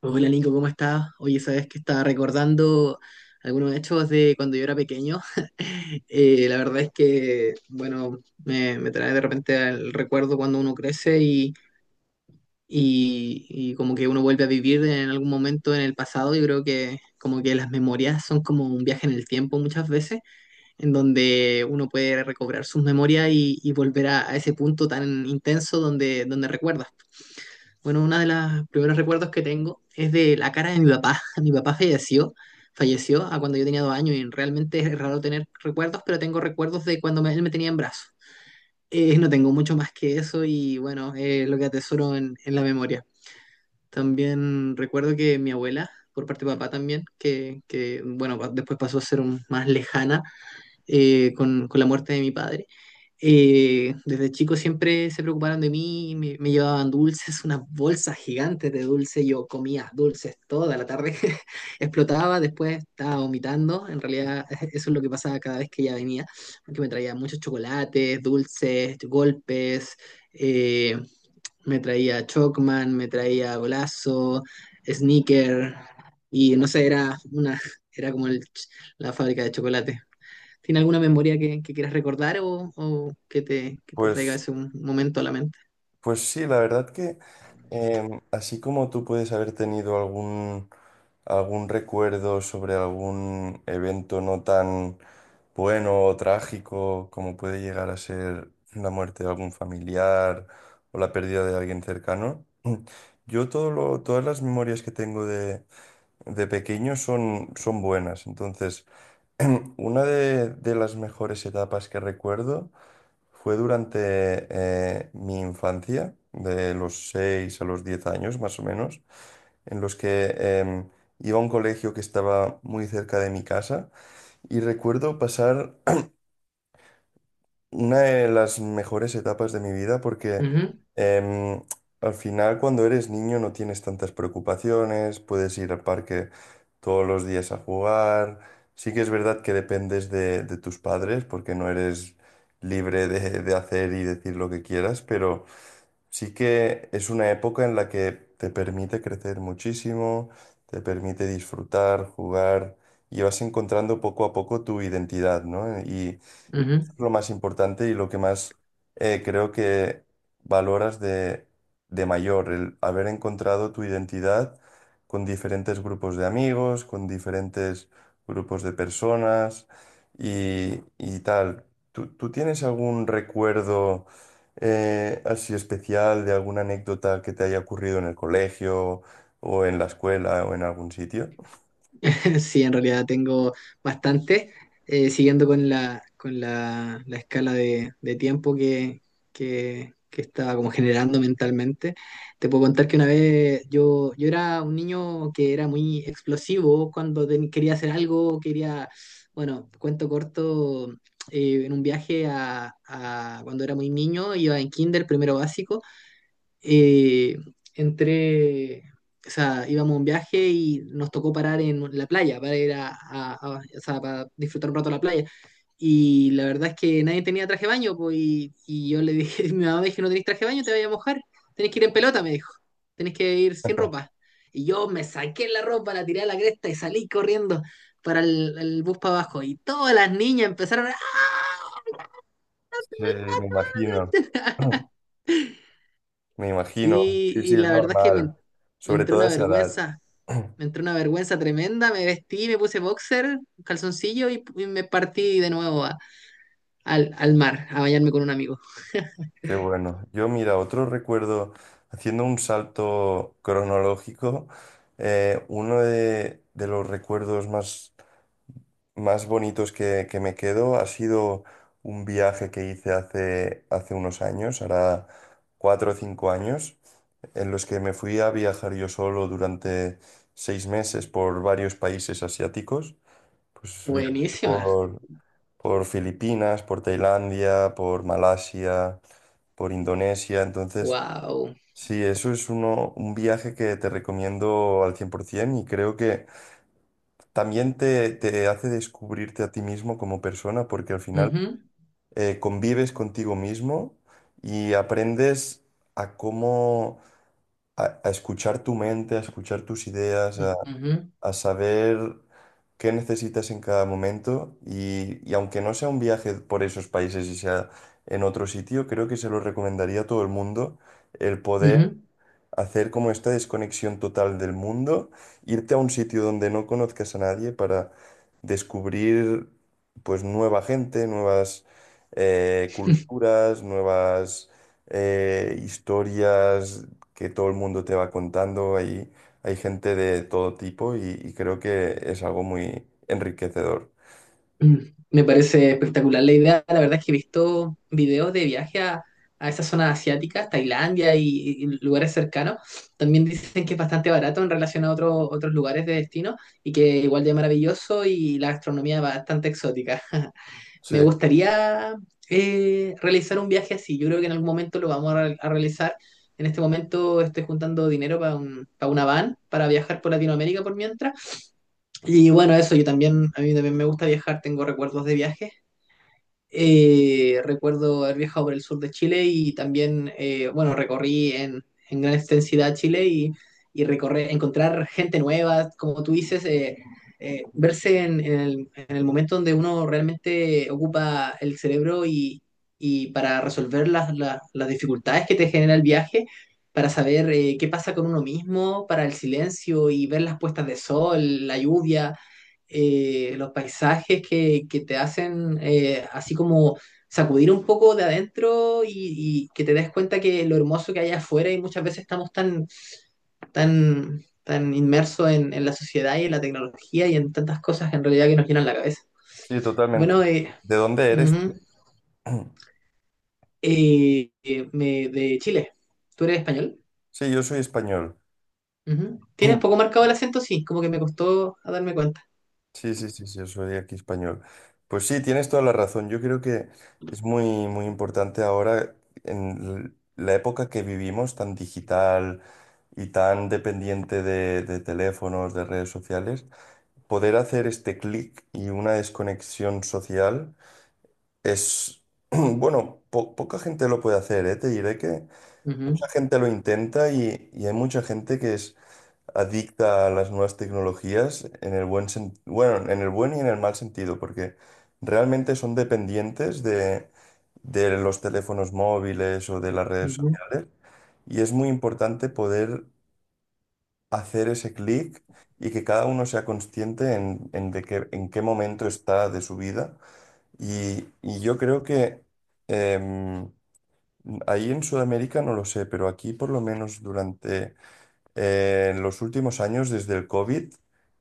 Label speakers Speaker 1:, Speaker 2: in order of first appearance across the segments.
Speaker 1: Hola Nico, ¿cómo estás? Oye, sabes que estaba recordando algunos hechos de cuando yo era pequeño. La verdad es que, bueno, me trae de repente el recuerdo cuando uno crece y como que uno vuelve a vivir en algún momento en el pasado. Yo creo que como que las memorias son como un viaje en el tiempo muchas veces, en donde uno puede recobrar sus memorias y volver a ese punto tan intenso donde recuerdas. Bueno, uno de los primeros recuerdos que tengo es de la cara de mi papá. Mi papá falleció, falleció a cuando yo tenía dos años y realmente es raro tener recuerdos, pero tengo recuerdos de él me tenía en brazos. No tengo mucho más que eso y bueno, lo que atesoro en la memoria. También recuerdo que mi abuela, por parte de papá también, que bueno, después pasó a ser más lejana, con la muerte de mi padre. Desde chico siempre se preocuparon de mí, me llevaban dulces, unas bolsas gigantes de dulce, yo comía dulces toda la tarde, explotaba, después estaba vomitando, en realidad eso es lo que pasaba cada vez que ella venía, porque me traía muchos chocolates, dulces, golpes, eh, me traía Chocman, me traía Golazo, Sneaker, y no sé, era una, era como la fábrica de chocolate. ¿Tiene alguna memoria que quieras recordar o que te traiga
Speaker 2: Pues,
Speaker 1: ese un momento a la mente?
Speaker 2: pues sí, la verdad que así como tú puedes haber tenido algún recuerdo sobre algún evento no tan bueno o trágico como puede llegar a ser la muerte de algún familiar o la pérdida de alguien cercano, todas las memorias que tengo de pequeño son buenas. Entonces, una de las mejores etapas que recuerdo fue durante mi infancia, de los 6 a los 10 años más o menos, en los que em, iba a un colegio que estaba muy cerca de mi casa y recuerdo pasar una de las mejores etapas de mi vida porque
Speaker 1: Ujú,
Speaker 2: em, al final cuando eres niño no tienes tantas preocupaciones, puedes ir al parque todos los días a jugar. Sí que es verdad que dependes de tus padres porque no eres libre de hacer y decir lo que quieras, pero sí que es una época en la que te permite crecer muchísimo, te permite disfrutar, jugar y vas encontrando poco a poco tu identidad, ¿no? Y
Speaker 1: ujú.
Speaker 2: lo más importante y lo que más creo que valoras de mayor, el haber encontrado tu identidad con diferentes grupos de amigos, con diferentes grupos de personas y tal. ¿Tú tienes algún recuerdo así especial de alguna anécdota que te haya ocurrido en el colegio o en la escuela o en algún sitio?
Speaker 1: Sí, en realidad tengo bastante, siguiendo con la escala de tiempo que estaba como generando mentalmente. Te puedo contar que una vez yo era un niño que era muy explosivo cuando quería hacer algo, quería, bueno, cuento corto, en un viaje cuando era muy niño, iba en kinder, primero básico, eh, entré, o sea, íbamos a un viaje y nos tocó parar en la playa para ir o sea, para disfrutar un rato la playa. Y la verdad es que nadie tenía traje de baño, pues, y yo le dije, mi mamá me dijo, no tenés traje de baño, te vayas a mojar, tenés que ir en pelota, me dijo, tenés que ir sin ropa. Y yo me saqué la ropa, la tiré a la cresta y salí corriendo para el bus para abajo. Y todas las niñas empezaron a...
Speaker 2: Sí, me imagino. Me imagino,
Speaker 1: Sí,
Speaker 2: sí, sí,
Speaker 1: y
Speaker 2: es
Speaker 1: la verdad es que
Speaker 2: normal,
Speaker 1: me
Speaker 2: sobre
Speaker 1: entró
Speaker 2: todo a
Speaker 1: una
Speaker 2: esa edad.
Speaker 1: vergüenza, me entró una vergüenza tremenda, me vestí, me puse boxer, calzoncillo y me partí de nuevo al, al mar a bañarme con un amigo.
Speaker 2: Qué bueno. Yo, mira, otro recuerdo, haciendo un salto cronológico, uno de los recuerdos más bonitos que me quedo ha sido un viaje que hice hace unos años, hará 4 o 5 años, en los que me fui a viajar yo solo durante 6 meses por varios países asiáticos. Pues
Speaker 1: Buenísima,
Speaker 2: por Filipinas, por Tailandia, por Malasia, por Indonesia. Entonces,
Speaker 1: wow.
Speaker 2: sí, eso es uno, un viaje que te recomiendo al 100% y creo que también te hace descubrirte a ti mismo como persona porque al final
Speaker 1: Ujú,
Speaker 2: convives contigo mismo y aprendes a cómo... A escuchar tu mente, a escuchar tus ideas, a
Speaker 1: ujú,
Speaker 2: saber qué necesitas en cada momento y aunque no sea un viaje por esos países y sea en otro sitio, creo que se lo recomendaría a todo el mundo el poder
Speaker 1: ujú.
Speaker 2: hacer como esta desconexión total del mundo, irte a un sitio donde no conozcas a nadie para descubrir pues nueva gente, nuevas culturas, nuevas historias que todo el mundo te va contando. Hay gente de todo tipo y creo que es algo muy enriquecedor.
Speaker 1: Mm, me parece espectacular la idea. La verdad es que he visto videos de viaje a esas zonas asiáticas, Tailandia y lugares cercanos. También dicen que es bastante barato en relación a otros lugares de destino y que igual de maravilloso y la gastronomía bastante exótica.
Speaker 2: Sí,
Speaker 1: Me gustaría realizar un viaje así. Yo creo que en algún momento lo vamos a realizar. En este momento estoy juntando dinero para para una van para viajar por Latinoamérica por mientras. Y bueno, eso, yo también, a mí también me gusta viajar, tengo recuerdos de viajes. Recuerdo haber viajado por el sur de Chile y también, bueno, recorrí en gran extensidad Chile y recorrer, encontrar gente nueva, como tú dices, verse en el momento donde uno realmente ocupa el cerebro y para resolver las dificultades que te genera el viaje, para saber qué pasa con uno mismo, para el silencio y ver las puestas de sol, la lluvia, los paisajes que te hacen, así como sacudir un poco de adentro, y que te des cuenta que lo hermoso que hay afuera, y muchas veces estamos tan inmersos en la sociedad y en la tecnología y en tantas cosas en realidad que nos llenan la cabeza.
Speaker 2: sí, totalmente.
Speaker 1: Bueno,
Speaker 2: ¿De dónde eres
Speaker 1: ujú,
Speaker 2: tú?
Speaker 1: de Chile, ¿tú eres español?
Speaker 2: Sí, yo soy español.
Speaker 1: Ujú. ¿Tienes poco marcado el acento? Sí, como que me costó a darme cuenta.
Speaker 2: Sí, sí, sí, sí, yo soy aquí español. Pues sí, tienes toda la razón. Yo creo que es muy, muy importante ahora, en la época que vivimos, tan digital y tan dependiente de teléfonos, de redes sociales, poder hacer este clic y una desconexión social es, bueno, poca gente lo puede hacer, ¿eh? Te diré que
Speaker 1: Ujú,
Speaker 2: mucha gente lo intenta y hay mucha gente que es adicta a las nuevas tecnologías en el bueno, en el buen y en el mal sentido, porque realmente son dependientes de los teléfonos móviles o de las redes
Speaker 1: ujú,
Speaker 2: sociales. Y es muy importante poder hacer ese clic y que cada uno sea consciente en qué momento está de su vida. Y yo creo que em, ahí en Sudamérica no lo sé, pero aquí por lo menos durante en los últimos años, desde el COVID,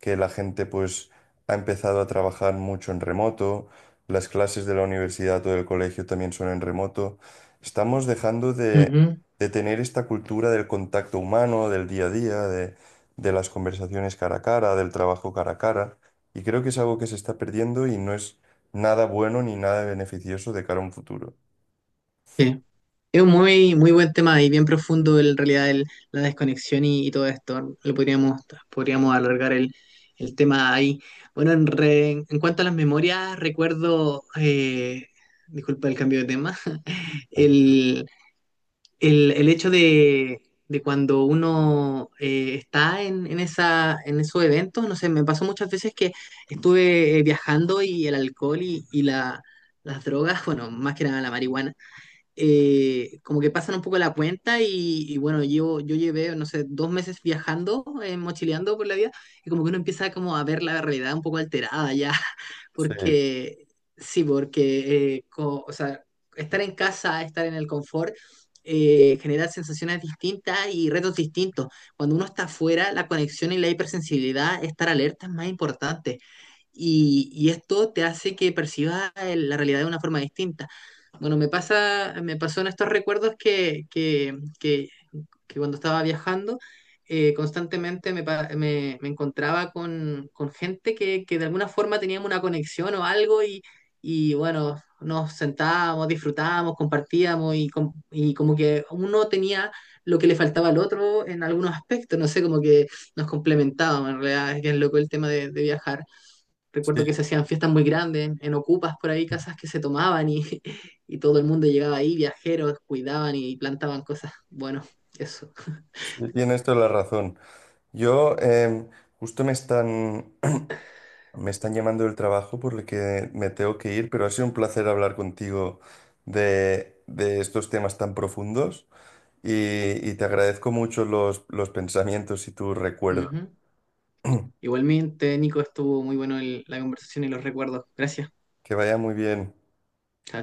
Speaker 2: que la gente pues ha empezado a trabajar mucho en remoto, las clases de la universidad o del colegio también son en remoto, estamos dejando
Speaker 1: ujú.
Speaker 2: de tener esta cultura del contacto humano, del día a día, de las conversaciones cara a cara, del trabajo cara a cara, y creo que es algo que se está perdiendo y no es nada bueno ni nada beneficioso de cara a un futuro.
Speaker 1: Sí. Es un muy, muy buen tema y bien profundo en realidad la desconexión y todo esto. Lo podríamos, podríamos alargar el tema ahí. Bueno, en cuanto a las memorias, recuerdo, disculpa el cambio de tema, el, el hecho de cuando uno está en esa, en esos eventos, no sé, me pasó muchas veces que estuve viajando y el alcohol las drogas, bueno, más que nada la marihuana, como que pasan un poco la cuenta y bueno, yo llevé, no sé, dos meses viajando, mochileando por la vida, y como que uno empieza como a ver la realidad un poco alterada ya,
Speaker 2: Sí,
Speaker 1: porque sí, porque, o sea, estar en casa, estar en el confort, genera sensaciones distintas y retos distintos. Cuando uno está afuera, la conexión y la hipersensibilidad, estar alerta es más importante. Y esto te hace que percibas la realidad de una forma distinta. Bueno, me pasa, me pasó en estos recuerdos que cuando estaba viajando, constantemente me encontraba con gente que de alguna forma teníamos una conexión o algo y bueno, nos sentábamos, disfrutábamos, compartíamos y como que uno tenía lo que le faltaba al otro en algunos aspectos, no sé, como que nos complementábamos en realidad, es que es loco el tema de viajar.
Speaker 2: sí,
Speaker 1: Recuerdo que se hacían fiestas muy grandes, en ocupas por ahí, casas que se tomaban y, y todo el mundo llegaba ahí, viajeros, cuidaban y plantaban cosas. Bueno, eso.
Speaker 2: sí, tienes toda la razón. Yo, justo me están, me están llamando del trabajo por el que me tengo que ir, pero ha sido un placer hablar contigo de estos temas tan profundos y, y te agradezco mucho los pensamientos y tu recuerdo.
Speaker 1: Ujú. Igualmente, Nico, estuvo muy bueno la conversación y los recuerdos. Gracias.
Speaker 2: Que vaya muy bien.
Speaker 1: Chao.